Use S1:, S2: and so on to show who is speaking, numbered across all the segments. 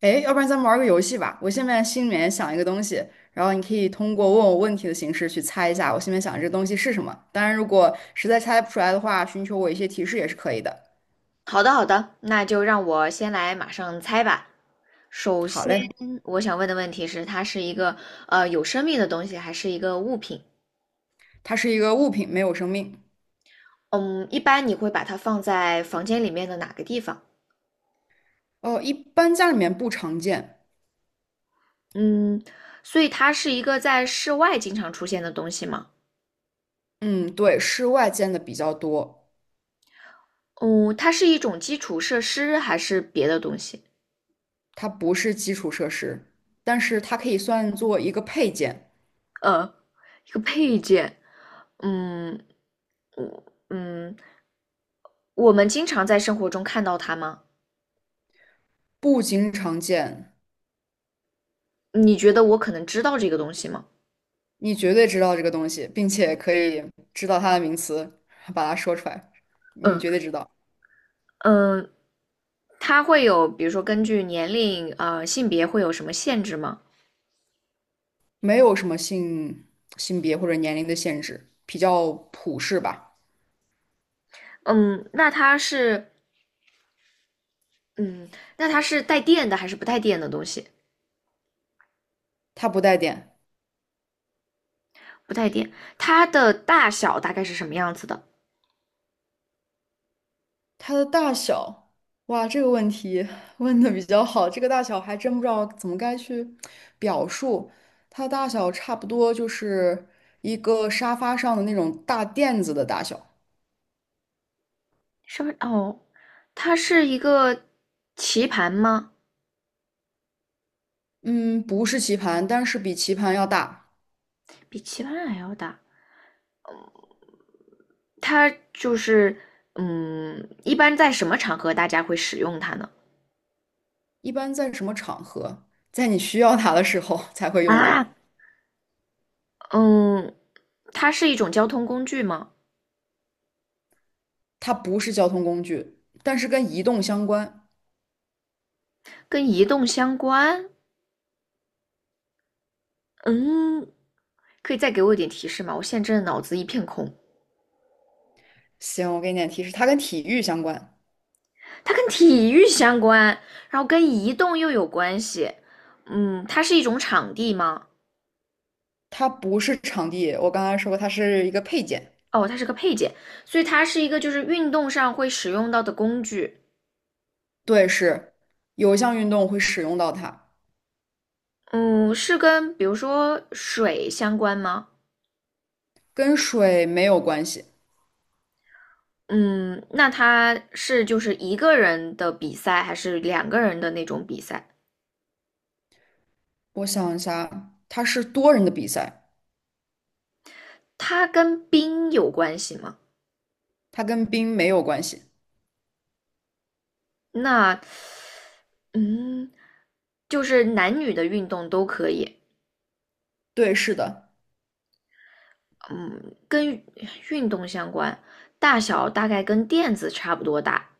S1: 诶，要不然咱们玩个游戏吧。我现在心里面想一个东西，然后你可以通过问我问题的形式去猜一下我心里面想的这个东西是什么。当然，如果实在猜不出来的话，寻求我一些提示也是可以的。
S2: 好的，好的，那就让我先来马上猜吧。首
S1: 好
S2: 先，
S1: 嘞，
S2: 我想问的问题是，它是一个有生命的东西，还是一个物品？
S1: 它是一个物品，没有生命。
S2: 嗯，一般你会把它放在房间里面的哪个地方？
S1: 哦，一般家里面不常见。
S2: 嗯，所以它是一个在室外经常出现的东西吗？
S1: 嗯，对，室外见的比较多。
S2: 嗯，它是一种基础设施还是别的东西？
S1: 它不是基础设施，但是它可以算作一个配件，
S2: 呃，一个配件。嗯，我嗯，我们经常在生活中看到它吗？
S1: 不经常见。
S2: 你觉得我可能知道这个东西吗？
S1: 你绝对知道这个东西，并且可以知道它的名词，把它说出来，你
S2: 嗯。
S1: 绝对知道。
S2: 嗯，它会有，比如说根据年龄、性别会有什么限制吗？
S1: 没有什么性别或者年龄的限制，比较普适吧。
S2: 嗯，那它是，嗯，那它是带电的还是不带电的东西？
S1: 它不带电，
S2: 不带电，它的大小大概是什么样子的？
S1: 它的大小，哇，这个问题问的比较好，这个大小还真不知道怎么该去表述。它的大小差不多就是一个沙发上的那种大垫子的大小，
S2: 稍微哦，它是一个棋盘吗？
S1: 嗯，不是棋盘，但是比棋盘要大。
S2: 比棋盘还要大。它就是，嗯，一般在什么场合大家会使用它呢？
S1: 一般在什么场合，在你需要它的时候 才会用
S2: 啊，
S1: 到。
S2: 嗯，它是一种交通工具吗？
S1: 它不是交通工具，但是跟移动相关。
S2: 跟移动相关？嗯，可以再给我一点提示吗？我现在真的脑子一片空。
S1: 行，我给你点提示，它跟体育相关。
S2: 它跟体育相关，然后跟移动又有关系。嗯，它是一种场地吗？
S1: 它不是场地，我刚才说过，它是一个配件。
S2: 哦，它是个配件，所以它是一个就是运动上会使用到的工具。
S1: 对，是有一项运动会使用到它，
S2: 嗯，是跟比如说水相关吗？
S1: 跟水没有关系。
S2: 嗯，那它是就是一个人的比赛，还是两个人的那种比赛？
S1: 我想一下，它是多人的比赛，
S2: 它跟冰有关系吗？
S1: 它跟冰没有关系。
S2: 那，嗯，就是男女的运动都可以。
S1: 对，是的，
S2: 嗯，跟运动相关，大小大概跟垫子差不多大，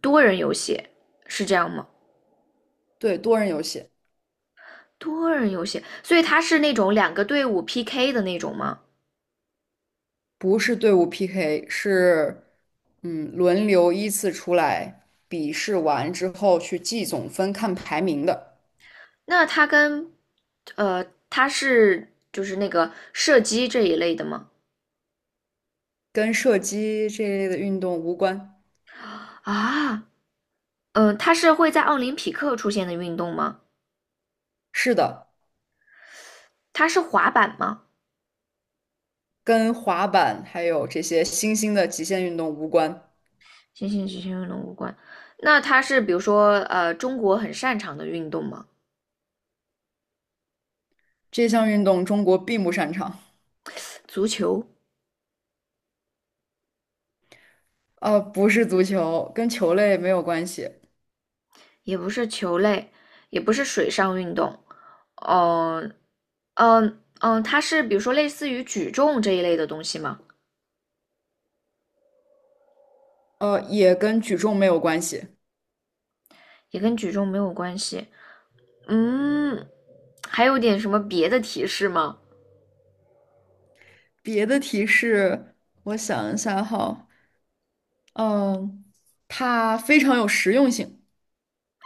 S2: 多人游戏是这样吗？
S1: 对，多人游戏。
S2: 多人游戏，所以它是那种两个队伍 PK 的那种吗？
S1: 不是队伍 PK，是轮流依次出来，比试完之后去计总分看排名的，
S2: 那它跟它是就是那个射击这一类的吗？
S1: 跟射击这一类的运动无关。
S2: 啊，它是会在奥林匹克出现的运动吗？
S1: 是的，
S2: 它是滑板吗？
S1: 跟滑板还有这些新兴的极限运动无关。
S2: 行行行行，运动无关。那它是比如说中国很擅长的运动吗？
S1: 这项运动中国并不擅长。
S2: 足球
S1: 不是足球，跟球类没有关系，
S2: 也不是球类，也不是水上运动，嗯它是比如说类似于举重这一类的东西吗？
S1: 也跟举重没有关系。
S2: 也跟举重没有关系。嗯，还有点什么别的提示吗？
S1: 别的提示，我想一下哈，嗯、它非常有实用性。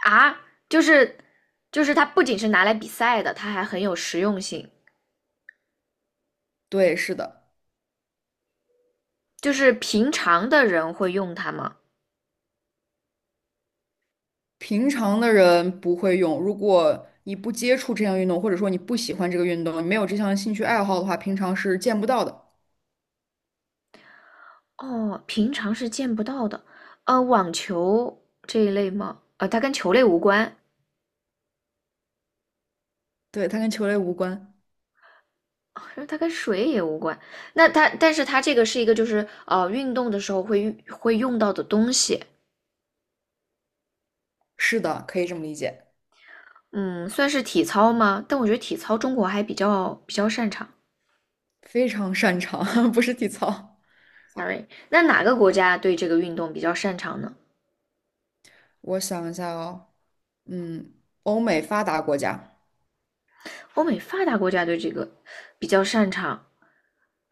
S2: 啊，就是就是它不仅是拿来比赛的，它还很有实用性。
S1: 对，是的，
S2: 就是平常的人会用它吗？
S1: 平常的人不会用。如果你不接触这项运动，或者说你不喜欢这个运动，你没有这项兴趣爱好的话，平常是见不到的。
S2: 哦，平常是见不到的。呃，网球这一类吗？呃，它跟球类无关。
S1: 对，它跟球类无关。
S2: 可是它跟水也无关。那它，但是它这个是一个就是运动的时候会用到的东西，
S1: 是的，可以这么理解。
S2: 嗯，算是体操吗？但我觉得体操中国还比较擅长。
S1: 非常擅长，不是体操。
S2: Sorry，那哪个国家对这个运动比较擅长呢？
S1: 我想一下哦，嗯，欧美发达国家，
S2: 欧美发达国家对这个比较擅长。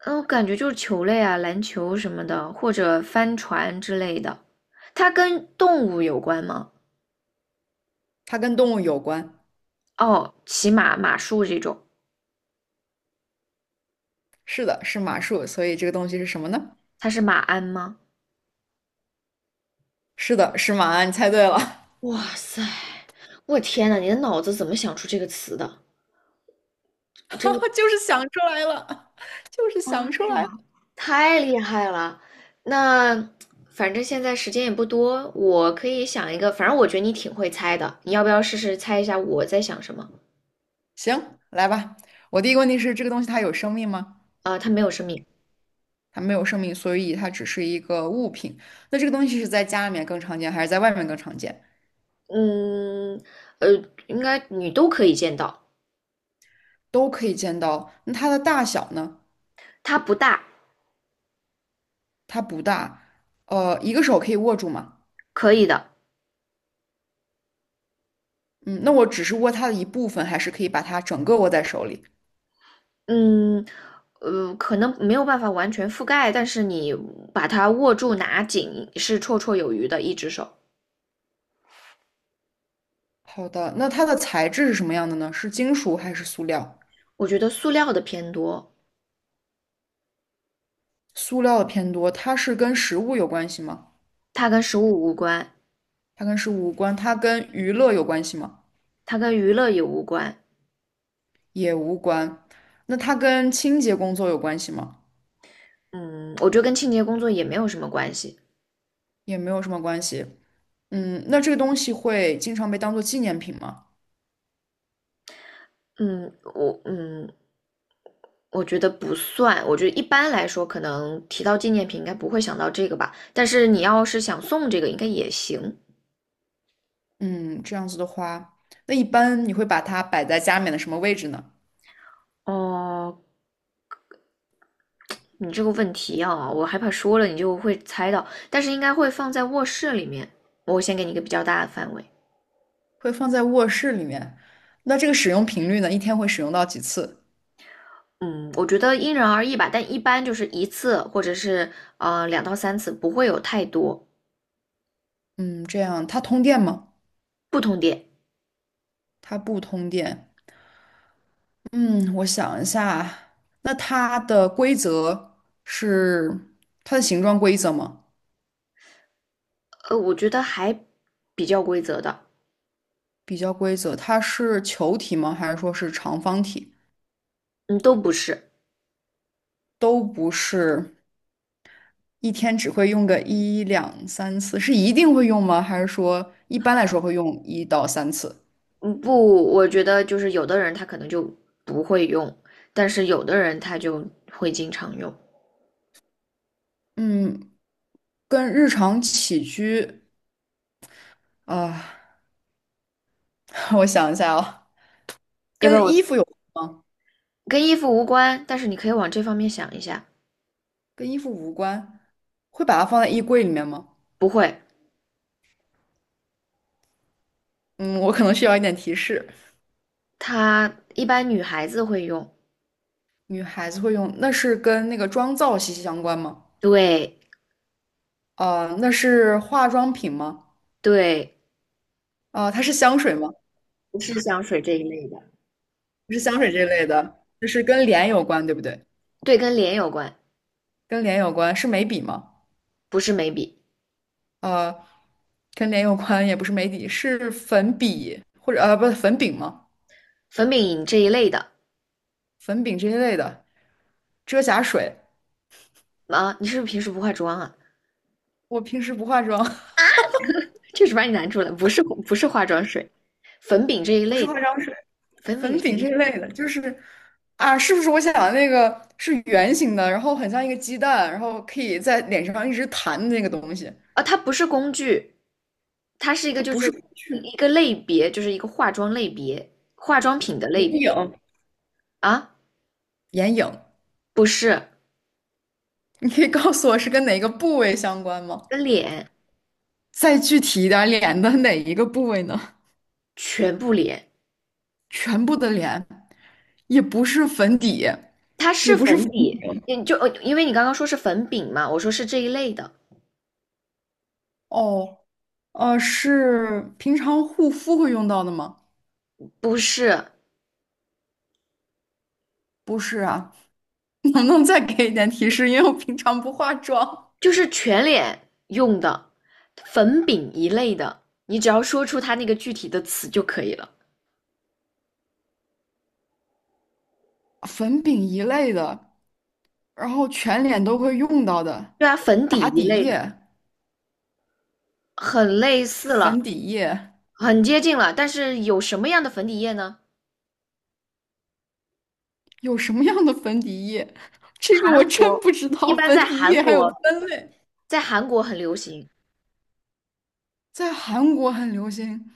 S2: 嗯，我感觉就是球类啊，篮球什么的，或者帆船之类的。它跟动物有关吗？
S1: 它跟动物有关。
S2: 哦，骑马、马术这种，
S1: 是的，是马术，所以这个东西是什么呢？
S2: 它是马鞍吗？
S1: 是的，是马，你猜对了，
S2: 哇塞，我天呐，你的脑子怎么想出这个词的？真
S1: 就是想出来了，就是
S2: 妈
S1: 想出来了。
S2: 呀，太厉害了！那反正现在时间也不多，我可以想一个，反正我觉得你挺会猜的，你要不要试试猜一下我在想什么？
S1: 行，来吧。我第一个问题是，这个东西它有生命吗？
S2: 啊、它没有生命，
S1: 它没有生命，所以它只是一个物品。那这个东西是在家里面更常见，还是在外面更常见？
S2: 嗯，呃，应该你都可以见到，
S1: 都可以见到。那它的大小呢？
S2: 它不大，
S1: 它不大，一个手可以握住吗？
S2: 可以的，
S1: 嗯，那我只是握它的一部分，还是可以把它整个握在手里？
S2: 嗯，可能没有办法完全覆盖，但是你把它握住拿紧是绰绰有余的，一只手。
S1: 好的，那它的材质是什么样的呢？是金属还是塑料？
S2: 我觉得塑料的偏多，
S1: 塑料的偏多。它是跟食物有关系吗？
S2: 它跟食物无关，
S1: 它跟食物无关。它跟娱乐有关系吗？
S2: 它跟娱乐也无关。
S1: 也无关。那它跟清洁工作有关系吗？
S2: 嗯，我觉得跟清洁工作也没有什么关系。
S1: 也没有什么关系。嗯，那这个东西会经常被当做纪念品吗？
S2: 嗯，我嗯，我觉得不算。我觉得一般来说，可能提到纪念品应该不会想到这个吧。但是你要是想送这个，应该也行。
S1: 嗯，这样子的话，那一般你会把它摆在家里面的什么位置呢？
S2: 哦，你这个问题啊，我害怕说了你就会猜到，但是应该会放在卧室里面。我先给你一个比较大的范围。
S1: 会放在卧室里面。那这个使用频率呢？一天会使用到几次？
S2: 嗯，我觉得因人而异吧，但一般就是一次或者是两到三次，不会有太多
S1: 嗯，这样它通电吗？
S2: 不同点。
S1: 它不通电。嗯，我想一下啊，那它的规则是它的形状规则吗？
S2: 呃，我觉得还比较规则的，
S1: 比较规则，它是球体吗？还是说是长方体？
S2: 嗯，都不是，
S1: 都不是，一天只会用个一两三次，是一定会用吗？还是说一般来说会用一到三次？
S2: 嗯，不，我觉得就是有的人他可能就不会用，但是有的人他就会经常用。
S1: 嗯，跟日常起居啊，我想一下啊，
S2: 要不然
S1: 跟
S2: 我
S1: 衣服有，
S2: 跟衣服无关，但是你可以往这方面想一下，
S1: 跟衣服无关，会把它放在衣柜里面吗？
S2: 不会，
S1: 嗯，我可能需要一点提示。
S2: 他一般女孩子会用，
S1: 女孩子会用，那是跟那个妆造息息相关吗？
S2: 对
S1: 啊、那是化妆品吗？
S2: 对，
S1: 啊、它是香水吗？
S2: 不是香水这一类的，
S1: 不是香水这类的，就是跟脸有关，对不对？
S2: 对，跟脸有关，
S1: 跟脸有关是眉笔吗？
S2: 不是眉笔。
S1: 呃，跟脸有关也不是眉笔，是粉笔或者呃不粉饼吗？
S2: 粉饼这一类的
S1: 粉饼这一类的，遮瑕水。
S2: 啊，你是不是平时不化妆啊？
S1: 我平时不化妆，
S2: 这是把你难住了，不是化妆水，粉饼这一
S1: 不是
S2: 类的，
S1: 化妆水，
S2: 粉饼
S1: 粉
S2: 这一
S1: 饼这
S2: 类
S1: 一类的，就是啊，是不是我想的那个是圆形的，然后很像一个鸡蛋，然后可以在脸上一直弹的那个东西？
S2: 啊，它不是工具，它是一个
S1: 它
S2: 就
S1: 不是
S2: 是
S1: 工具，
S2: 一个类别，就是一个化妆类别，化妆品的类
S1: 眼影，
S2: 别啊，
S1: 眼影。
S2: 不是
S1: 你可以告诉我是跟哪个部位相关吗？
S2: 跟脸
S1: 再具体一点脸的哪一个部位呢？
S2: 全部脸，
S1: 全部的脸，也不是粉底，
S2: 它
S1: 也
S2: 是
S1: 不是粉
S2: 粉底，
S1: 饼。
S2: 你就因为你刚刚说是粉饼嘛，我说是这一类的，
S1: 哦，是平常护肤会用到的吗？
S2: 不是，
S1: 不是啊，能不能再给一点提示？因为我平常不化妆。
S2: 就是全脸用的粉饼一类的，你只要说出它那个具体的词就可以了。
S1: 粉饼一类的，然后全脸都会用到的，
S2: 对啊，粉底
S1: 打
S2: 一
S1: 底
S2: 类的，
S1: 液、
S2: 很类似了，
S1: 粉底液，
S2: 很接近了。但是有什么样的粉底液呢？
S1: 有什么样的粉底液？这个我
S2: 韩
S1: 真
S2: 国
S1: 不知
S2: 一
S1: 道，
S2: 般
S1: 粉
S2: 在
S1: 底
S2: 韩
S1: 液还有
S2: 国，
S1: 分类，
S2: 在韩国很流行。
S1: 在韩国很流行。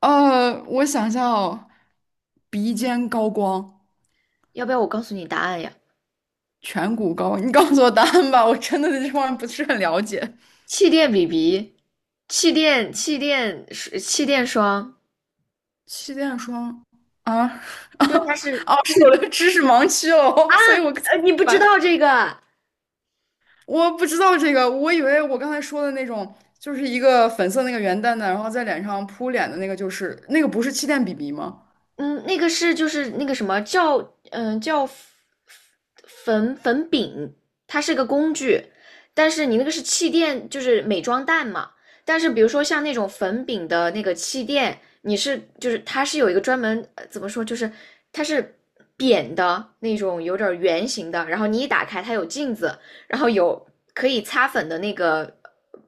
S1: 我想想哦，鼻尖高光，
S2: 要不要我告诉你答案呀？
S1: 颧骨高光你告诉我答案吧，我真的对这方面不是很了解。
S2: 气垫 BB，气垫气垫霜，
S1: 气垫霜啊 啊，
S2: 就它是，
S1: 哦是我的知识盲区了哦，所以我才
S2: 呃，
S1: 明
S2: 你不知
S1: 白
S2: 道这个。
S1: 我不知道这个，我以为我刚才说的那种，就是一个粉色那个圆蛋蛋，然后在脸上扑脸的那个，就是那个不是气垫 BB 吗？
S2: 嗯，那个是就是那个什么叫叫粉饼，它是个工具，但是你那个是气垫，就是美妆蛋嘛。但是比如说像那种粉饼的那个气垫，你是就是它是有一个专门怎么说，就是它是扁的那种，有点圆形的。然后你一打开，它有镜子，然后有可以擦粉的那个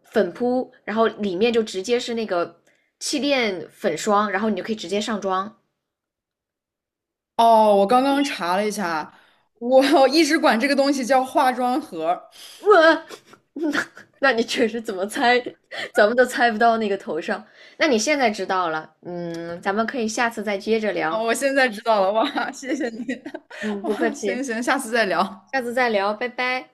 S2: 粉扑，然后里面就直接是那个气垫粉霜，然后你就可以直接上妆。
S1: 哦，我刚刚查了一下，我 一直管这个东西叫化妆盒。
S2: 我，那那你确实怎么猜，咱们都猜不到那个头上。那你现在知道了，嗯，咱们可以下次再接着
S1: 哦，
S2: 聊。
S1: 我现在知道了，哇，谢谢你，
S2: 嗯，
S1: 哇，
S2: 不客
S1: 行
S2: 气，
S1: 行，下次再聊。
S2: 下次再聊，拜拜。